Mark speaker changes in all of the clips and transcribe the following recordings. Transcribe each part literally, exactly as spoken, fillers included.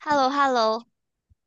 Speaker 1: h e l l o h e l l o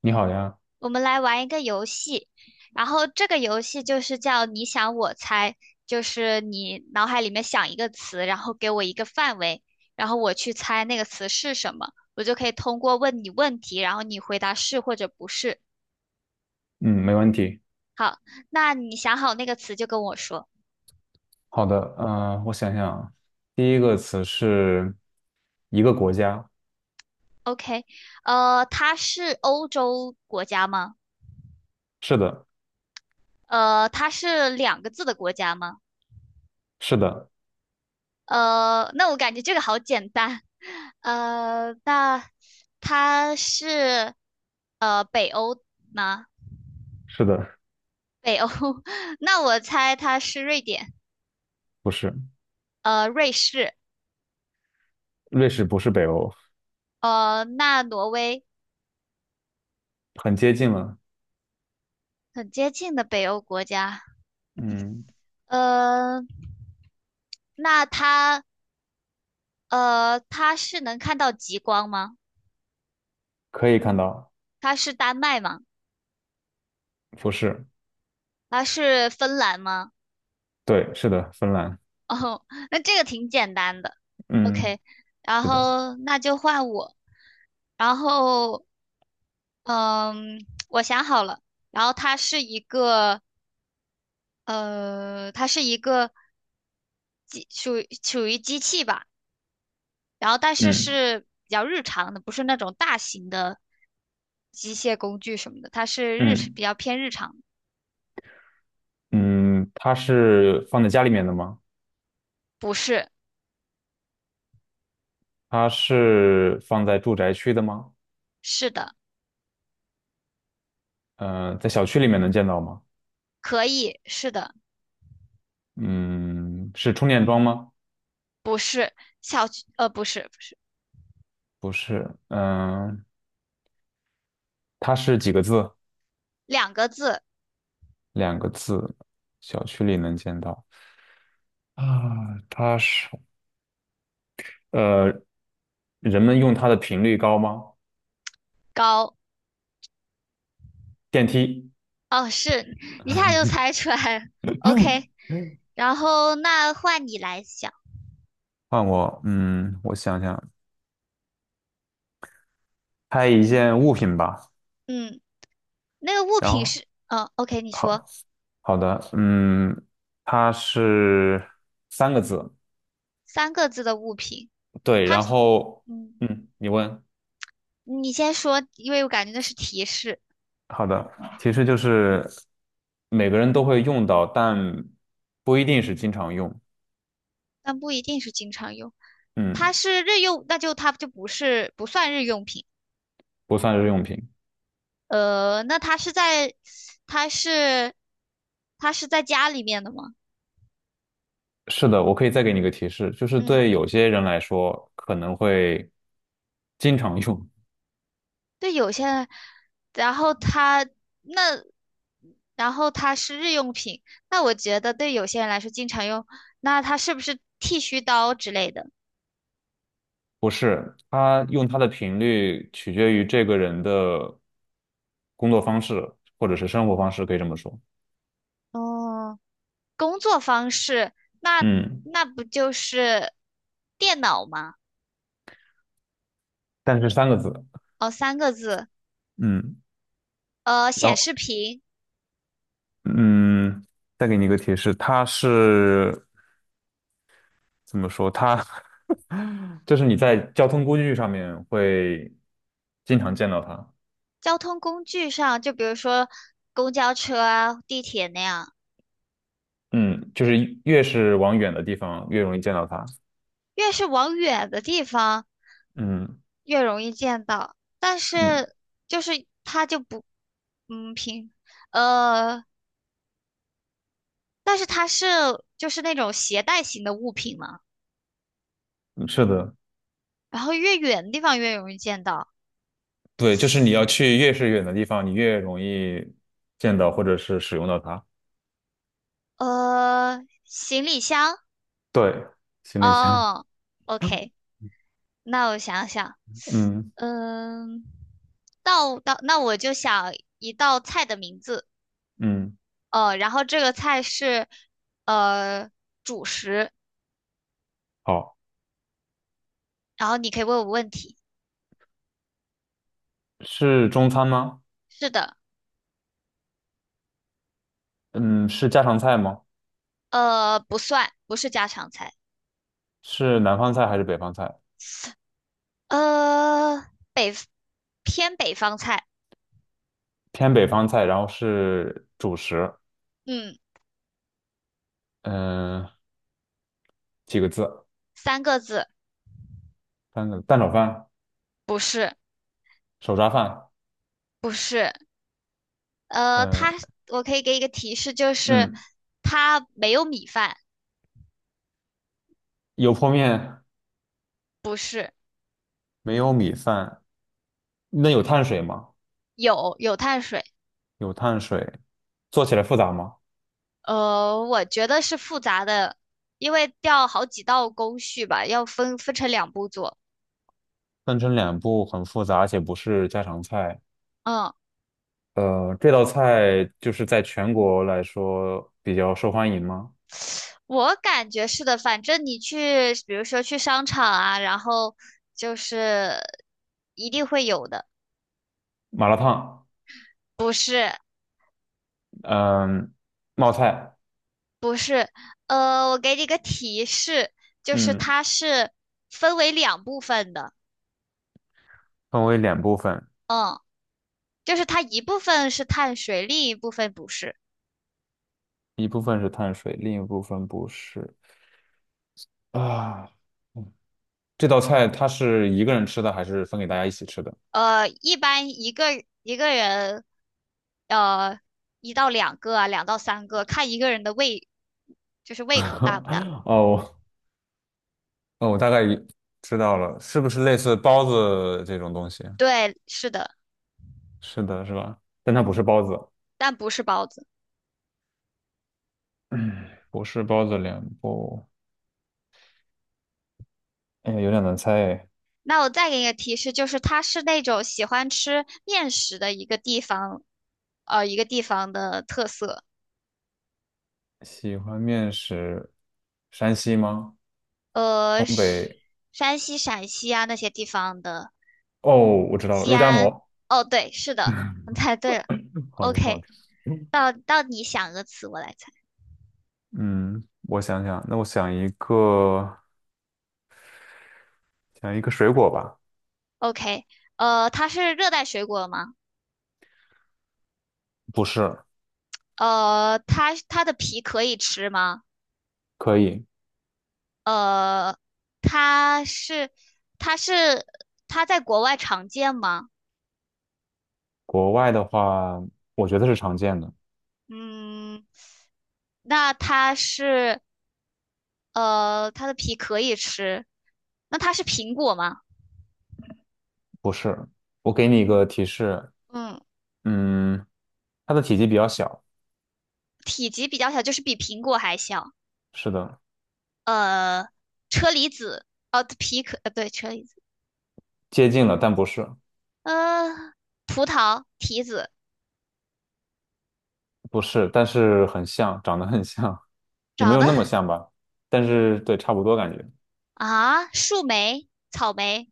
Speaker 2: 你好呀，
Speaker 1: 我们来玩一个游戏，然后这个游戏就是叫你想我猜，就是你脑海里面想一个词，然后给我一个范围，然后我去猜那个词是什么，我就可以通过问你问题，然后你回答是或者不是。
Speaker 2: 嗯，没问题。
Speaker 1: 好，那你想好那个词就跟我说。
Speaker 2: 好的，呃，我想想啊，第一个词是一个国家。
Speaker 1: OK，呃，它是欧洲国家吗？
Speaker 2: 是的。
Speaker 1: 呃，它是两个字的国家吗？
Speaker 2: 是的。
Speaker 1: 呃，那我感觉这个好简单。呃，那它是呃北欧吗？
Speaker 2: 是的。
Speaker 1: 北欧，那我猜它是瑞典，
Speaker 2: 不是。
Speaker 1: 呃，瑞士，
Speaker 2: 瑞士不是北欧。
Speaker 1: 呃，那挪威
Speaker 2: 很接近了。
Speaker 1: 很接近的北欧国家。
Speaker 2: 嗯。
Speaker 1: 呃，那它呃，它是能看到极光吗？
Speaker 2: 可以看到。
Speaker 1: 它是丹麦吗？
Speaker 2: 不是。
Speaker 1: 它是芬兰吗？
Speaker 2: 对，是的，芬兰。
Speaker 1: 哦，那这个挺简单的。
Speaker 2: 嗯。
Speaker 1: OK，然
Speaker 2: 是的。
Speaker 1: 后那就换我。然后，嗯，我想好了。然后它是一个，呃，它是一个机，属于属于机器吧。然后，但是
Speaker 2: 嗯
Speaker 1: 是比较日常的，不是那种大型的机械工具什么的。它是日，
Speaker 2: 嗯
Speaker 1: 比较偏日常的。
Speaker 2: 嗯，它是放在家里面的吗？
Speaker 1: 不是，
Speaker 2: 它是放在住宅区的吗？
Speaker 1: 是的，
Speaker 2: 呃，在小区里面能见到吗？
Speaker 1: 可以，是的，
Speaker 2: 嗯，是充电桩吗？
Speaker 1: 不是，小区，呃，不是，不是，
Speaker 2: 不是。嗯，它是几个字？
Speaker 1: 两个字，
Speaker 2: 两个字。小区里能见到。啊，它是，呃，人们用它的频率高吗？
Speaker 1: 高。
Speaker 2: 电梯。
Speaker 1: 哦，是，一下就猜出来了。
Speaker 2: 嗯
Speaker 1: OK，
Speaker 2: 嗯。
Speaker 1: 然后那换你来想，
Speaker 2: 换我，嗯，我想想，拍一件物品吧。
Speaker 1: 嗯，那个物
Speaker 2: 然
Speaker 1: 品
Speaker 2: 后，
Speaker 1: 是，嗯，OK，你说
Speaker 2: 好，好的。嗯，它是三个字。
Speaker 1: 三个字的物品，
Speaker 2: 对。然后，
Speaker 1: 嗯，
Speaker 2: 嗯，你问。
Speaker 1: 你先说，因为我感觉那是提示，
Speaker 2: 好的，其实就是每个人都会用到，但不一定是经常用。
Speaker 1: 但不一定是经常用。它
Speaker 2: 嗯，
Speaker 1: 是日用，那就它就不是不算日用品。
Speaker 2: 不算日用品。
Speaker 1: 呃，那它是在，它是，它是在家里面的吗？
Speaker 2: 是的，我可以再给你一个提示，就是
Speaker 1: 嗯，
Speaker 2: 对有些人来说可能会经常用。
Speaker 1: 对，有些，人，然后它那，然后它是日用品，那我觉得对有些人来说经常用，那它是不是剃须刀之类的？
Speaker 2: 不是，他用它的频率取决于这个人的工作方式或者是生活方式，可以这么说。
Speaker 1: 哦，工作方式，那
Speaker 2: 嗯，
Speaker 1: 那不就是电脑吗？
Speaker 2: 但是三个字。
Speaker 1: 哦，三个字，
Speaker 2: 嗯。
Speaker 1: 呃，
Speaker 2: 然
Speaker 1: 显
Speaker 2: 后
Speaker 1: 示屏，
Speaker 2: 嗯，再给你一个提示，它是怎么说？它 就是你在交通工具上面会经常见到它。
Speaker 1: 交通工具上，就比如说公交车啊、地铁那样，
Speaker 2: 嗯，就是越是往远的地方，越容易见到它。
Speaker 1: 越是往远的地方。
Speaker 2: 嗯
Speaker 1: 越容易见到，但
Speaker 2: 嗯，
Speaker 1: 是就是它就不，嗯，平，呃，但是它是就是那种携带型的物品嘛，
Speaker 2: 是的。
Speaker 1: 然后越远的地方越容易见到，
Speaker 2: 对，就是你要去越是远的地方，你越容易见到或者是使用到它。
Speaker 1: 呃，行李箱，
Speaker 2: 对，行李箱。
Speaker 1: 哦，OK，那我想想，
Speaker 2: 嗯
Speaker 1: 嗯，道道，那我就想一道菜的名字，
Speaker 2: 嗯，
Speaker 1: 哦，然后这个菜是呃主食，
Speaker 2: 好，
Speaker 1: 然后你可以问我问题，
Speaker 2: 是中餐吗？
Speaker 1: 是的。
Speaker 2: 嗯，是家常菜吗？
Speaker 1: 呃，不算，不是家常菜，
Speaker 2: 是南方菜还是北方菜？
Speaker 1: 呃，偏北方菜，
Speaker 2: 偏北方菜，然后是主食。
Speaker 1: 嗯，
Speaker 2: 嗯、几个字？
Speaker 1: 三个字，
Speaker 2: 三个蛋炒饭、
Speaker 1: 不是，
Speaker 2: 手抓饭。
Speaker 1: 不是，呃，
Speaker 2: 呃
Speaker 1: 它，我可以给一个提示，就是
Speaker 2: 嗯，
Speaker 1: 它没有米饭，
Speaker 2: 有泡面。
Speaker 1: 不是，
Speaker 2: 没有米饭，那有碳水吗？
Speaker 1: 有有碳水，
Speaker 2: 有碳水，做起来复杂吗？
Speaker 1: 呃，我觉得是复杂的，因为要好几道工序吧，要分分成两步做，
Speaker 2: 分成两步很复杂，而且不是家常菜。
Speaker 1: 嗯，
Speaker 2: 呃，这道菜就是在全国来说比较受欢迎吗？
Speaker 1: 我感觉是的，反正你去，比如说去商场啊，然后就是一定会有的。
Speaker 2: 麻辣烫。
Speaker 1: 是。
Speaker 2: 嗯、冒菜。
Speaker 1: 不是，呃，我给你个提示，就是
Speaker 2: 嗯，
Speaker 1: 它是分为两部分的，
Speaker 2: 分为两部分，
Speaker 1: 嗯，就是它一部分是碳水，另一部分不是。
Speaker 2: 一部分是碳水，另一部分不是啊。嗯，这道菜它是一个人吃的，还是分给大家一起吃的？
Speaker 1: 呃，一般一个一个人，呃，一到两个啊，两到三个，看一个人的胃，就是胃口大不大。
Speaker 2: 哦，哦，我大概知道了，是不是类似包子这种东西？
Speaker 1: 对，是的，
Speaker 2: 是的，是吧？但它不是包子。
Speaker 1: 但不是包子。
Speaker 2: 不是包子脸部。哎呀，有点难猜哎。
Speaker 1: 那我再给你个提示，就是它是那种喜欢吃面食的一个地方，呃，一个地方的特色。
Speaker 2: 喜欢面食，山西吗？
Speaker 1: 呃，
Speaker 2: 东
Speaker 1: 是
Speaker 2: 北？
Speaker 1: 山西、陕西啊那些地方的，
Speaker 2: 哦，我知道了，
Speaker 1: 西
Speaker 2: 肉夹
Speaker 1: 安。
Speaker 2: 馍。
Speaker 1: 哦，对，是的，我猜对了。
Speaker 2: 好的，好
Speaker 1: OK，
Speaker 2: 的。
Speaker 1: 到到你想个词，我来猜。
Speaker 2: 嗯，我想想，那我想一个，想一个水果吧。
Speaker 1: OK，呃，它是热带水果吗？
Speaker 2: 不是。
Speaker 1: 呃，它它的皮可以吃吗？
Speaker 2: 可以。
Speaker 1: 呃，它是它是它在国外常见吗？
Speaker 2: 国外的话，我觉得是常见的。
Speaker 1: 嗯，那它是呃，它的皮可以吃，那它是苹果吗？
Speaker 2: 不是，我给你一个提示。
Speaker 1: 嗯。
Speaker 2: 嗯。它的体积比较小。
Speaker 1: 体积比较小，就是比苹果还小。
Speaker 2: 是的。
Speaker 1: 呃，车厘子，哦，皮可，呃，对，车厘子，
Speaker 2: 接近了，但不是。
Speaker 1: 呃，葡萄、提子，
Speaker 2: 不是，但是很像，长得很像。也没
Speaker 1: 长
Speaker 2: 有
Speaker 1: 得
Speaker 2: 那么像吧，但是对，差不多感觉。
Speaker 1: 啊，树莓、草莓，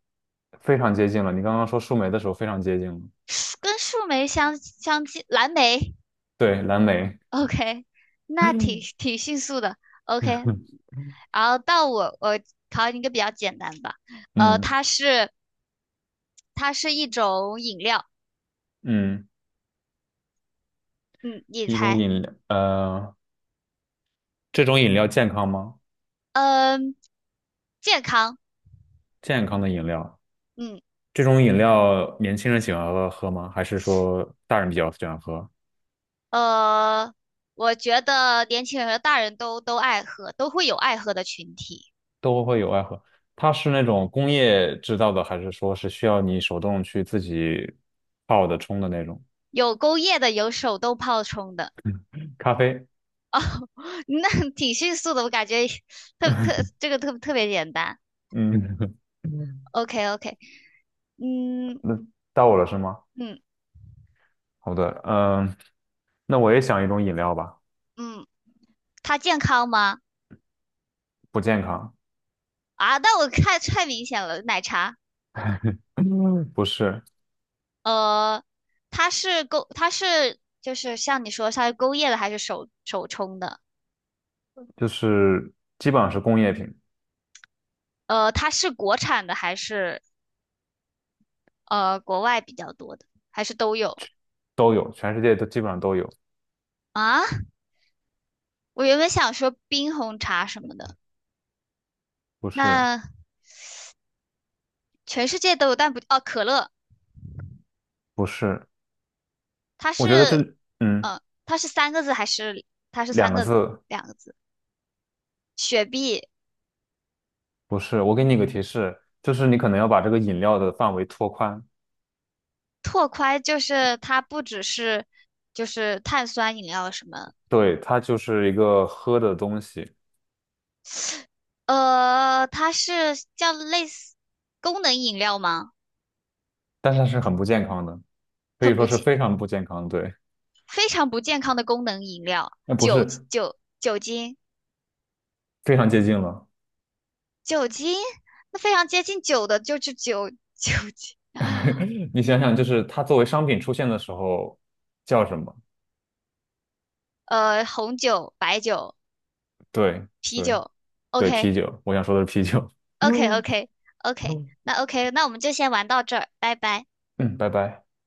Speaker 2: 非常接近了。你刚刚说树莓的时候非常接近了。
Speaker 1: 树跟树莓相相近，蓝莓。
Speaker 2: 对，蓝莓。
Speaker 1: OK，那挺挺迅速的。OK，然后到我，我考你一个比较简单吧。呃，
Speaker 2: 嗯
Speaker 1: 它是它是一种饮料，
Speaker 2: 嗯。
Speaker 1: 嗯，你
Speaker 2: 一种
Speaker 1: 猜，
Speaker 2: 饮料，呃，这种饮料健康吗？
Speaker 1: 嗯，健康，
Speaker 2: 健康的饮料。
Speaker 1: 嗯。
Speaker 2: 这种饮料年轻人喜欢喝喝吗？还是说大人比较喜欢喝？
Speaker 1: 呃，我觉得年轻人和大人都都爱喝，都会有爱喝的群体，
Speaker 2: 都会有爱喝。它是那种工业制造的，还是说是需要你手动去自己泡的冲的那种
Speaker 1: 有工业的，有手动泡冲的，
Speaker 2: 咖啡？
Speaker 1: 那挺迅速的，我感觉特特这个特特别简单。
Speaker 2: 嗯。
Speaker 1: OK， OK，嗯
Speaker 2: 那到我了是吗？
Speaker 1: 嗯
Speaker 2: 好的，嗯，那我也想一种饮料吧。
Speaker 1: 嗯，它健康吗？
Speaker 2: 不健康。
Speaker 1: 啊，那我看太明显了，奶茶。
Speaker 2: 嗯不是。
Speaker 1: 呃，它是勾，它是就是像你说，它是勾业的还是手手冲的？
Speaker 2: 就是基本上是工业品。
Speaker 1: 呃，它是国产的还是呃国外比较多的，还是都有？
Speaker 2: 都有，全世界都基本上都有。
Speaker 1: 啊，我原本想说冰红茶什么的，
Speaker 2: 不是。
Speaker 1: 那全世界都有，但不，哦，可乐，
Speaker 2: 不是。
Speaker 1: 它
Speaker 2: 我
Speaker 1: 是，
Speaker 2: 觉得这，嗯，
Speaker 1: 呃，它是三个字还是它是
Speaker 2: 两
Speaker 1: 三
Speaker 2: 个
Speaker 1: 个
Speaker 2: 字。
Speaker 1: 两个字？雪碧、
Speaker 2: 不是，我给你一个提示，就是你可能要把这个饮料的范围拓宽。
Speaker 1: 拓宽就是它不只是就是碳酸饮料什么，
Speaker 2: 对，它就是一个喝的东西。
Speaker 1: 呃，它是叫类似功能饮料吗？
Speaker 2: 但是它是很不健康的，可以
Speaker 1: 很
Speaker 2: 说
Speaker 1: 不
Speaker 2: 是
Speaker 1: 健，
Speaker 2: 非常不健康。对，
Speaker 1: 非常不健康的功能饮料，
Speaker 2: 那不
Speaker 1: 酒
Speaker 2: 是
Speaker 1: 酒酒精
Speaker 2: 非常接近了。
Speaker 1: 酒精，那非常接近酒的就是酒酒精。啊。
Speaker 2: 你想想，就是它作为商品出现的时候叫什么？
Speaker 1: 呃，红酒、白酒、
Speaker 2: 对
Speaker 1: 啤
Speaker 2: 对
Speaker 1: 酒。
Speaker 2: 对，啤酒，我想说的是啤酒。嗯，
Speaker 1: OK，OK，OK，OK，
Speaker 2: 嗯，
Speaker 1: 那 OK，那我们就先玩到这儿，拜拜。
Speaker 2: 嗯，拜拜。